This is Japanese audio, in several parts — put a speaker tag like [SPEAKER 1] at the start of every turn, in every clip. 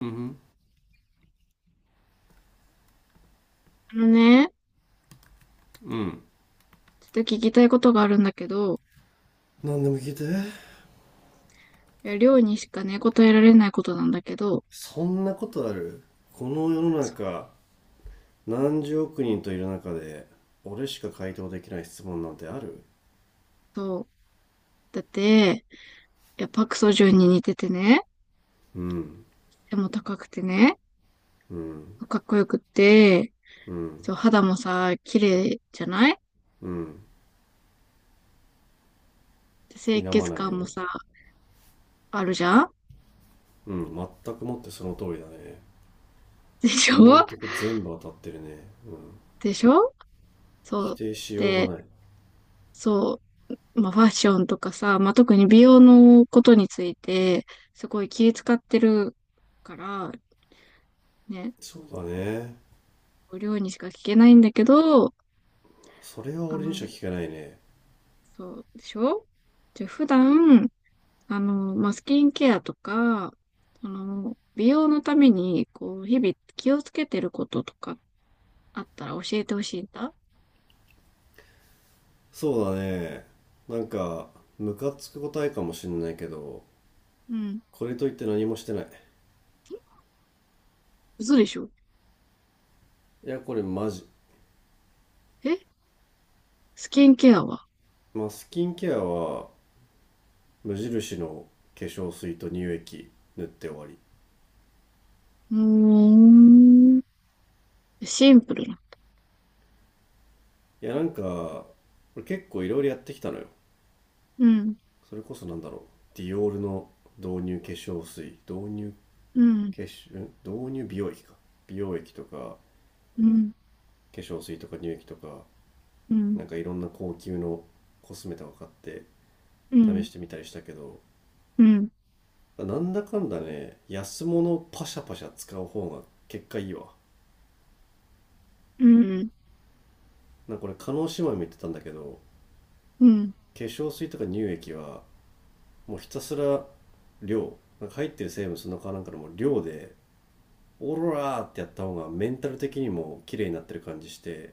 [SPEAKER 1] うん。
[SPEAKER 2] あのね、
[SPEAKER 1] うん。
[SPEAKER 2] ちょっと聞きたいことがあるんだけど、
[SPEAKER 1] 何でも聞いて。
[SPEAKER 2] いや、りょうにしかね、答えられないことなんだけど、
[SPEAKER 1] そんなことある？この世の中、何十億人といる中で俺しか回答できない質問なんてある？
[SPEAKER 2] そう。だって、いや、パクソジュンに似ててね、
[SPEAKER 1] うん。
[SPEAKER 2] 背も高くてね、
[SPEAKER 1] うん。
[SPEAKER 2] かっこよくって、
[SPEAKER 1] うん。
[SPEAKER 2] そう、肌もさ、綺麗じゃない。
[SPEAKER 1] うん。
[SPEAKER 2] で
[SPEAKER 1] 否
[SPEAKER 2] 清
[SPEAKER 1] ま
[SPEAKER 2] 潔
[SPEAKER 1] ない
[SPEAKER 2] 感も
[SPEAKER 1] よ。
[SPEAKER 2] さ、あるじゃん。
[SPEAKER 1] うん。全くもってその通りだね。
[SPEAKER 2] でしょ。
[SPEAKER 1] 今んとこ全部当たってるね。うん。
[SPEAKER 2] でしょ。そ
[SPEAKER 1] 否
[SPEAKER 2] う。
[SPEAKER 1] 定しようが
[SPEAKER 2] で、
[SPEAKER 1] ない。
[SPEAKER 2] そう、まあ、ファッションとかさ、まあ、特に美容のことについて、すごい気遣ってるから、ね、
[SPEAKER 1] そうだね。
[SPEAKER 2] りょうにしか聞けないんだけど、
[SPEAKER 1] それは
[SPEAKER 2] あ
[SPEAKER 1] 俺にしか
[SPEAKER 2] の、
[SPEAKER 1] 聞けないね。
[SPEAKER 2] そうでしょ。じゃあ普段、まあ、スキンケアとか、その、美容のために、こう、日々気をつけてることとかあったら教えてほしいんだ。
[SPEAKER 1] そうだね。なんかムカつく答えかもしんないけど、
[SPEAKER 2] うん。
[SPEAKER 1] これといって何もしてない。
[SPEAKER 2] え、嘘でしょ。
[SPEAKER 1] いやこれマジ、
[SPEAKER 2] え、スキンケアは。
[SPEAKER 1] まあ、スキンケアは無印の化粧水と乳液塗って終わり。
[SPEAKER 2] うーん。シンプルな。
[SPEAKER 1] いやなんか俺結構いろいろやってきたのよ。
[SPEAKER 2] うん。
[SPEAKER 1] それこそなんだろう、ディオールの導入化粧水、導入
[SPEAKER 2] うん。
[SPEAKER 1] 化粧ん、導入美容液か、美容液とか化
[SPEAKER 2] うん。
[SPEAKER 1] 粧水とか乳液とか、
[SPEAKER 2] うん。
[SPEAKER 1] なんかいろんな高級のコスメとか買って
[SPEAKER 2] う
[SPEAKER 1] 試
[SPEAKER 2] ん。
[SPEAKER 1] してみたりしたけど、
[SPEAKER 2] うん。
[SPEAKER 1] なんだかんだね安物パシャパシャ使う方が結果いいわ。
[SPEAKER 2] うん。
[SPEAKER 1] なんかこれ加納姉妹も言ってたんだけど、
[SPEAKER 2] うん。
[SPEAKER 1] 化粧水とか乳液はもうひたすら量、なんか入ってる成分そのかなんかのもう量で、オーロラーってやった方がメンタル的にも綺麗になってる感じして、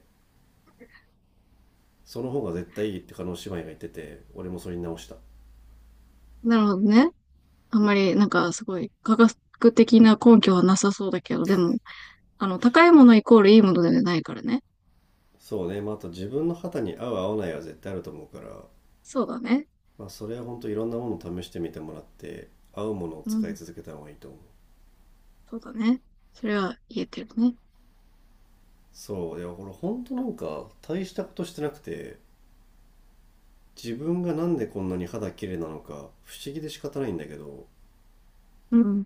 [SPEAKER 1] その方が絶対いいって加納姉妹が言ってて、俺もそれに直した。
[SPEAKER 2] なるほどね。あんまり、なんか、すごい、科学的な根拠はなさそうだけど、でも、高いものイコールいいものではないからね。
[SPEAKER 1] そうね、まああと自分の肌に合う合わないは絶対あると思うから、
[SPEAKER 2] そうだね。
[SPEAKER 1] まあそれは本当いろんなものを試してみてもらって、合うものを
[SPEAKER 2] う
[SPEAKER 1] 使い
[SPEAKER 2] ん。
[SPEAKER 1] 続けた方がいいと思う。
[SPEAKER 2] そうだね。それは言えてるね。
[SPEAKER 1] そういやこれ本当なんか大したことしてなくて、自分がなんでこんなに肌綺麗なのか不思議で仕方ないんだけど、
[SPEAKER 2] うん。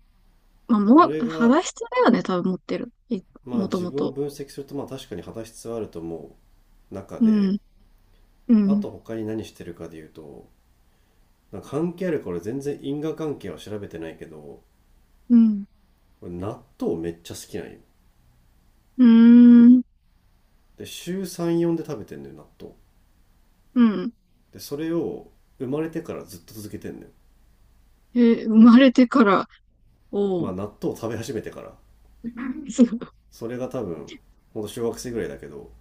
[SPEAKER 2] まあ、も
[SPEAKER 1] 俺
[SPEAKER 2] う、
[SPEAKER 1] が、
[SPEAKER 2] 肌質だよね、多分持ってる。
[SPEAKER 1] まあ
[SPEAKER 2] もと
[SPEAKER 1] 自
[SPEAKER 2] も
[SPEAKER 1] 分を
[SPEAKER 2] と。
[SPEAKER 1] 分析すると、まあ確かに肌質はあると思う中
[SPEAKER 2] う
[SPEAKER 1] で、
[SPEAKER 2] ん。う
[SPEAKER 1] あ
[SPEAKER 2] ん。
[SPEAKER 1] と他に何してるかで言うと、なんか関係あるか、俺全然因果関係は調べてないけど、
[SPEAKER 2] うん。
[SPEAKER 1] 俺納豆めっちゃ好きなんよ。
[SPEAKER 2] うーん。
[SPEAKER 1] で、週3、4で食べてんのよ、納豆。
[SPEAKER 2] うん。
[SPEAKER 1] で、それを生まれてからずっと続けてんのよ。
[SPEAKER 2] えー、生まれてから、お
[SPEAKER 1] まあ
[SPEAKER 2] う。
[SPEAKER 1] 納豆を食べ始めてから。
[SPEAKER 2] そう。
[SPEAKER 1] それが多分、ほんと小学生ぐらいだけど、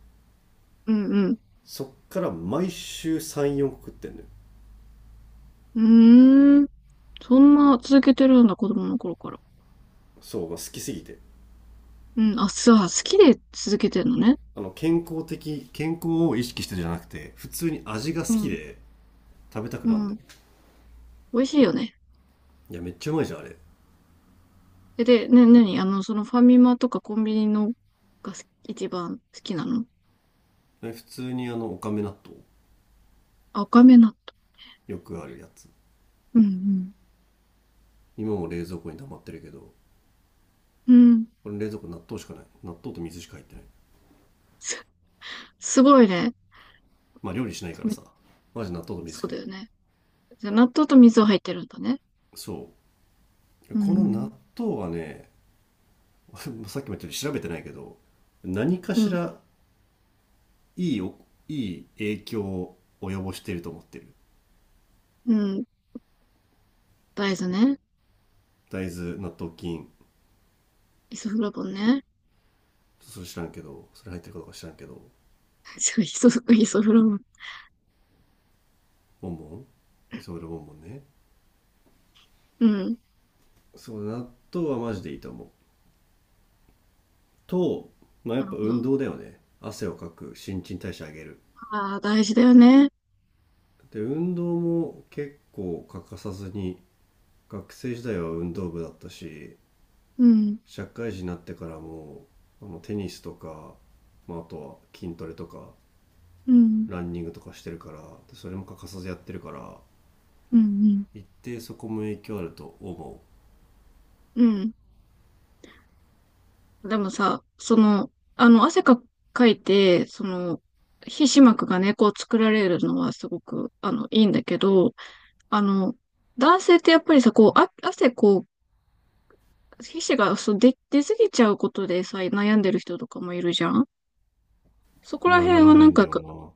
[SPEAKER 2] うん。
[SPEAKER 1] そっから毎週3、4個食ってんのよ。
[SPEAKER 2] うん。うーん。そんな続けてるんだ、子供の頃から。
[SPEAKER 1] そう、まあ、好きすぎて。
[SPEAKER 2] うん。あ、そう、好きで続けてるのね。
[SPEAKER 1] あの健康を意識してるじゃなくて、普通に味が好
[SPEAKER 2] う
[SPEAKER 1] き
[SPEAKER 2] ん。
[SPEAKER 1] で食べたく
[SPEAKER 2] う
[SPEAKER 1] なるんだ
[SPEAKER 2] ん。
[SPEAKER 1] よ。
[SPEAKER 2] 美味しいよね。
[SPEAKER 1] いやめっちゃうまいじゃんあれ。
[SPEAKER 2] え、で、ね、なに、そのファミマとかコンビニのが好き、一番好きなの。
[SPEAKER 1] あれ普通にあのおかめ納豆、
[SPEAKER 2] 赤目納
[SPEAKER 1] よくあるやつ。
[SPEAKER 2] 豆。うん。
[SPEAKER 1] 今も冷蔵庫に溜まってるけど、
[SPEAKER 2] うん。うん。
[SPEAKER 1] これ冷蔵庫納豆しかない、納豆と水しか入ってない。
[SPEAKER 2] す、すごいね。
[SPEAKER 1] まあ料理しないか
[SPEAKER 2] め
[SPEAKER 1] らさ、マジ納豆と水
[SPEAKER 2] そ
[SPEAKER 1] し
[SPEAKER 2] う
[SPEAKER 1] か入
[SPEAKER 2] だ
[SPEAKER 1] っ
[SPEAKER 2] よ
[SPEAKER 1] てない。
[SPEAKER 2] ね。じゃあ、納豆と水は入ってるんだね。
[SPEAKER 1] そう
[SPEAKER 2] う
[SPEAKER 1] この納
[SPEAKER 2] ん。
[SPEAKER 1] 豆はね、 さっきも言ったように調べてないけど、何か
[SPEAKER 2] う
[SPEAKER 1] し
[SPEAKER 2] ん。
[SPEAKER 1] らいいおいい影響を及ぼしていると思ってる。
[SPEAKER 2] うん。大豆ね。
[SPEAKER 1] 大豆納豆菌。
[SPEAKER 2] イソフラボンね。
[SPEAKER 1] それ知らんけど、それ入ってるかどうか知らんけど。
[SPEAKER 2] そう、イソフラボン。
[SPEAKER 1] ボンボン、磯村ボンボンね。
[SPEAKER 2] うん。
[SPEAKER 1] そう納豆はマジでいいと思うと、まあや
[SPEAKER 2] な
[SPEAKER 1] っ
[SPEAKER 2] る
[SPEAKER 1] ぱ
[SPEAKER 2] ほ
[SPEAKER 1] 運
[SPEAKER 2] ど。
[SPEAKER 1] 動だよね、汗をかく、新陳代謝上げる。
[SPEAKER 2] ああ、大事だよね。
[SPEAKER 1] で運動も結構欠かさずに、学生時代は運動部だったし、
[SPEAKER 2] うん。
[SPEAKER 1] 社会人になってからもあのテニスとか、まあ、あとは筋トレとか
[SPEAKER 2] うん。
[SPEAKER 1] ランニングとかしてるから、それも欠かさずやってるから、
[SPEAKER 2] うん。うん。
[SPEAKER 1] 一定そこも影響あると思
[SPEAKER 2] うん。でもさ、その、あの、汗か、かいて、その、皮脂膜がね、こう作られるのはすごく、いいんだけど、あの、男性ってやっぱりさ、こう、あ、汗、こう、皮脂が、そう、出すぎちゃうことでさ、悩んでる人とかもいるじゃん。そこ
[SPEAKER 1] う。い
[SPEAKER 2] ら
[SPEAKER 1] やな
[SPEAKER 2] 辺
[SPEAKER 1] ら
[SPEAKER 2] は
[SPEAKER 1] な
[SPEAKER 2] な
[SPEAKER 1] い
[SPEAKER 2] ん
[SPEAKER 1] んだ
[SPEAKER 2] か、
[SPEAKER 1] よな。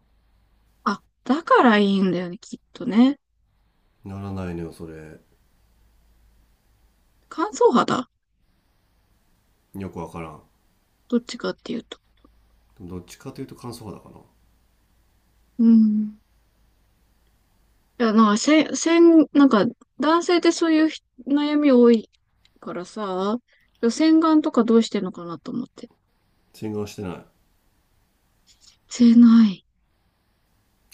[SPEAKER 2] あ、だからいいんだよね、きっとね。
[SPEAKER 1] ならないのよそれ。
[SPEAKER 2] 乾燥肌、
[SPEAKER 1] よくわからん。
[SPEAKER 2] どっちかっていうと。
[SPEAKER 1] どっちかというと乾燥肌かな。
[SPEAKER 2] うん。いや、なんか、せ、せん、なんか、男性ってそういう悩み多いからさ、洗顔とかどうしてんのかなと思って。
[SPEAKER 1] 洗顔してない。
[SPEAKER 2] してない。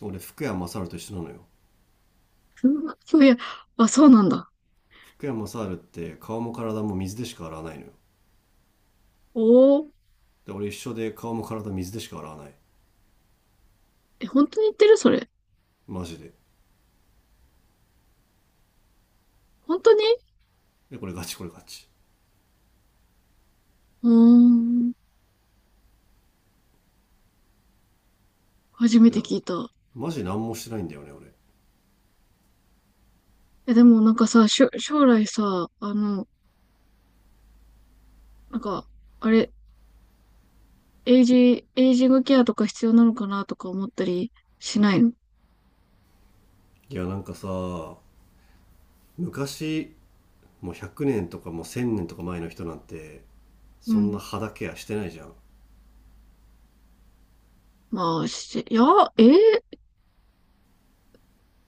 [SPEAKER 1] 俺福山雅治と一緒なのよ。
[SPEAKER 2] うわ、そういや、あ、そうなんだ。
[SPEAKER 1] 福山雅治って顔も体も水でしか洗わないのよ。
[SPEAKER 2] おー。
[SPEAKER 1] で俺一緒で顔も体水でしか洗わない。
[SPEAKER 2] え、本当に言ってるそれ？
[SPEAKER 1] マジで。
[SPEAKER 2] 本当に。
[SPEAKER 1] でこれガチ、これガチ。
[SPEAKER 2] うーん。初め
[SPEAKER 1] で
[SPEAKER 2] て
[SPEAKER 1] だから、
[SPEAKER 2] 聞いた。
[SPEAKER 1] マジ何もしてないんだよね俺。
[SPEAKER 2] え、でもなんかさ、将来さ、あの、なんか、あれ、エイジングケアとか必要なのかなとか思ったりしないの？
[SPEAKER 1] いやなんかさ、昔、もう100年とか、もう1000年とか前の人なんて、
[SPEAKER 2] う
[SPEAKER 1] そんな
[SPEAKER 2] ん。
[SPEAKER 1] 肌ケアしてないじゃん。い
[SPEAKER 2] まあ、しいや、えー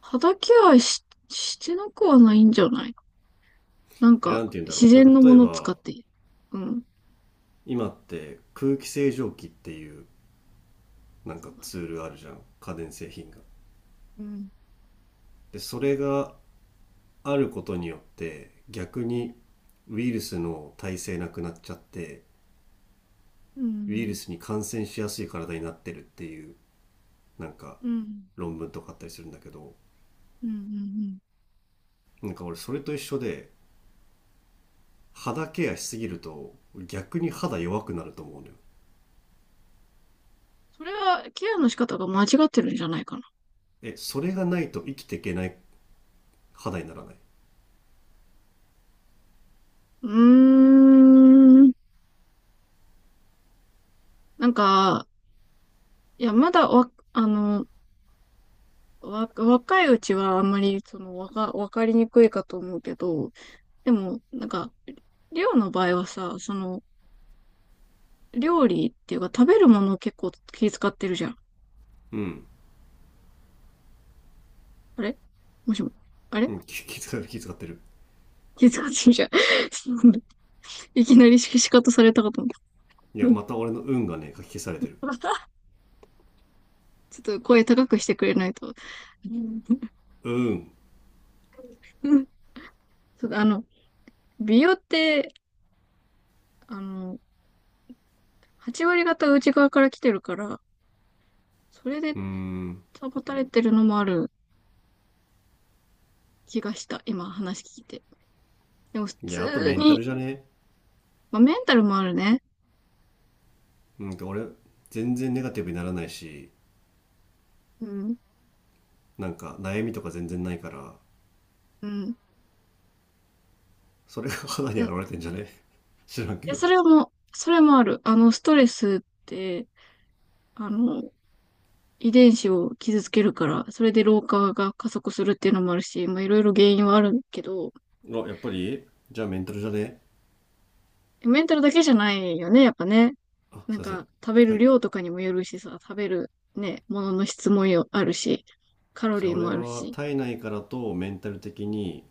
[SPEAKER 2] 肌ケアし、してなくはないんじゃない。なん
[SPEAKER 1] やな
[SPEAKER 2] か、
[SPEAKER 1] んて言うんだ
[SPEAKER 2] 自
[SPEAKER 1] ろう、なんか
[SPEAKER 2] 然のも
[SPEAKER 1] 例え
[SPEAKER 2] の使っ
[SPEAKER 1] ば、
[SPEAKER 2] て。うん。
[SPEAKER 1] 今って空気清浄機っていう、なん
[SPEAKER 2] そ
[SPEAKER 1] か
[SPEAKER 2] うだ
[SPEAKER 1] ツ
[SPEAKER 2] ね。
[SPEAKER 1] ールあるじゃん、家電製品が。
[SPEAKER 2] うん。
[SPEAKER 1] でそれがあることによって、逆にウイルスの耐性なくなっちゃって、
[SPEAKER 2] う
[SPEAKER 1] ウイル
[SPEAKER 2] ん。
[SPEAKER 1] スに感染しやすい体になってるっていう、なんか
[SPEAKER 2] うん。
[SPEAKER 1] 論文とかあったりするんだけど、
[SPEAKER 2] うん。うん。
[SPEAKER 1] なんか俺それと一緒で、肌ケアしすぎると逆に肌弱くなると思うのよ。
[SPEAKER 2] それは、ケアの仕方が間違ってるんじゃないかな。
[SPEAKER 1] えそれがないと生きていけない肌にならない。
[SPEAKER 2] うーん。なんか、いや、まだわ、あの、若いうちはあんまり、その、わかりにくいかと思うけど、でも、なんか、りょうの場合はさ、その、料理っていうか、食べるものを結構気遣ってるじゃん。
[SPEAKER 1] うん。
[SPEAKER 2] あれ。もしも。あ
[SPEAKER 1] う
[SPEAKER 2] れ。
[SPEAKER 1] ん、気遣ってる。
[SPEAKER 2] 気遣ってるじゃん。いきなり仕方されたかと思
[SPEAKER 1] いや、
[SPEAKER 2] っ
[SPEAKER 1] また俺の運がね、書き消され
[SPEAKER 2] た。
[SPEAKER 1] てる。
[SPEAKER 2] ちょっと声高くしてくれないと。
[SPEAKER 1] うん。
[SPEAKER 2] そう、あの、美容って、あの、8割方内側から来てるから、それ
[SPEAKER 1] う
[SPEAKER 2] で
[SPEAKER 1] ーん。
[SPEAKER 2] 保たれてるのもある気がした。今話聞いて。でも普
[SPEAKER 1] いや、あと
[SPEAKER 2] 通
[SPEAKER 1] メンタ
[SPEAKER 2] に、
[SPEAKER 1] ルじゃね？
[SPEAKER 2] まあ、メンタルもあるね。
[SPEAKER 1] なんか俺、全然ネガティブにならないし、
[SPEAKER 2] うん。
[SPEAKER 1] なんか悩みとか全然ないから、
[SPEAKER 2] うん。
[SPEAKER 1] それが肌
[SPEAKER 2] い
[SPEAKER 1] に
[SPEAKER 2] や、
[SPEAKER 1] 現
[SPEAKER 2] い
[SPEAKER 1] れてんじゃね？ 知らんけ
[SPEAKER 2] や
[SPEAKER 1] ど。
[SPEAKER 2] それも、それもある。あの、ストレスって、あの、遺伝子を傷つけるから、それで老化が加速するっていうのもあるし、まあ、いろいろ原因はあるけど、
[SPEAKER 1] あやっぱりじゃあメンタルじゃね？
[SPEAKER 2] メンタルだけじゃないよね、やっぱね。
[SPEAKER 1] あす
[SPEAKER 2] な
[SPEAKER 1] い
[SPEAKER 2] ん
[SPEAKER 1] ません。
[SPEAKER 2] か、食べ
[SPEAKER 1] は
[SPEAKER 2] る
[SPEAKER 1] い。
[SPEAKER 2] 量とかにもよるしさ、食べるね、ものの質もよ、あるし、カロ
[SPEAKER 1] じゃあ
[SPEAKER 2] リー
[SPEAKER 1] 俺
[SPEAKER 2] もある
[SPEAKER 1] は
[SPEAKER 2] し、
[SPEAKER 1] 体内からとメンタル的に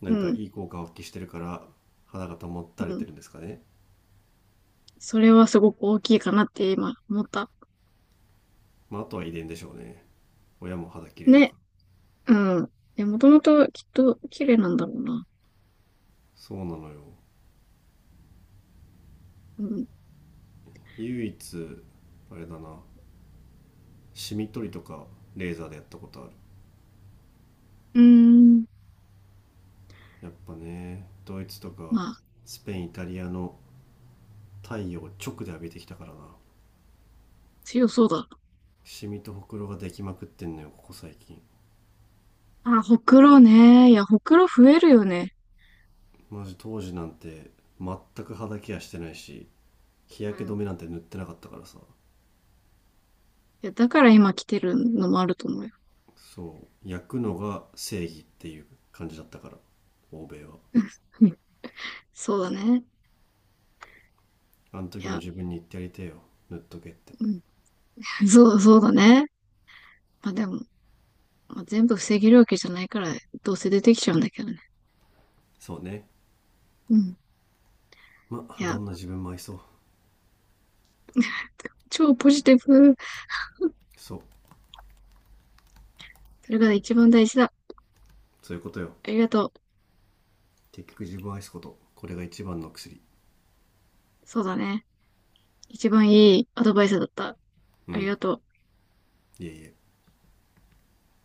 [SPEAKER 1] な
[SPEAKER 2] う
[SPEAKER 1] んか
[SPEAKER 2] ん、
[SPEAKER 1] いい効果を発揮してるから、肌が保た
[SPEAKER 2] う
[SPEAKER 1] れて
[SPEAKER 2] ん。
[SPEAKER 1] るんですかね？
[SPEAKER 2] それはすごく大きいかなって今思った。
[SPEAKER 1] まああとは遺伝でしょうね、親も肌綺麗だか
[SPEAKER 2] ね、
[SPEAKER 1] ら。
[SPEAKER 2] うん。で、もともときっと綺麗なんだろうな。
[SPEAKER 1] そうなのよ。
[SPEAKER 2] うん。
[SPEAKER 1] 唯一あれだな、シミ取りとかレーザーでやったことある。
[SPEAKER 2] うーん。
[SPEAKER 1] やっぱねドイツとか
[SPEAKER 2] まあ、
[SPEAKER 1] スペイン、イタリアの太陽を直で浴びてきたからな。
[SPEAKER 2] 強そうだ。
[SPEAKER 1] シミとほくろができまくってんのよ、ここ最近。
[SPEAKER 2] あ、ほくろね。いや、ほくろ増えるよね。
[SPEAKER 1] マジ当時なんて全く肌ケアしてないし、日
[SPEAKER 2] う
[SPEAKER 1] 焼け
[SPEAKER 2] ん。
[SPEAKER 1] 止
[SPEAKER 2] い
[SPEAKER 1] めなんて塗ってなかったからさ。
[SPEAKER 2] や、だから今来てるのもあると思うよ。
[SPEAKER 1] そう焼くのが正義っていう感じだったから、欧米は。
[SPEAKER 2] そうだね。
[SPEAKER 1] あの
[SPEAKER 2] い
[SPEAKER 1] 時の
[SPEAKER 2] や、
[SPEAKER 1] 自分に言ってやりてえよ、塗っとけって。
[SPEAKER 2] うん。そう、そうだね。まあでも、まあ、全部防げるわけじゃないから、どうせ出てきちゃうんだけどね。
[SPEAKER 1] そうね。
[SPEAKER 2] うん。
[SPEAKER 1] まあ
[SPEAKER 2] い
[SPEAKER 1] ど
[SPEAKER 2] や、
[SPEAKER 1] んな自分も愛そう。
[SPEAKER 2] 超ポジティブ。
[SPEAKER 1] そう。
[SPEAKER 2] それが一番大事だ。
[SPEAKER 1] そういうことよ。
[SPEAKER 2] ありがとう。
[SPEAKER 1] 結局自分を愛すこと、これが一番の薬。
[SPEAKER 2] そうだね。一番いいアドバイスだった。
[SPEAKER 1] う
[SPEAKER 2] あり
[SPEAKER 1] ん。
[SPEAKER 2] がとう。
[SPEAKER 1] いえいえ。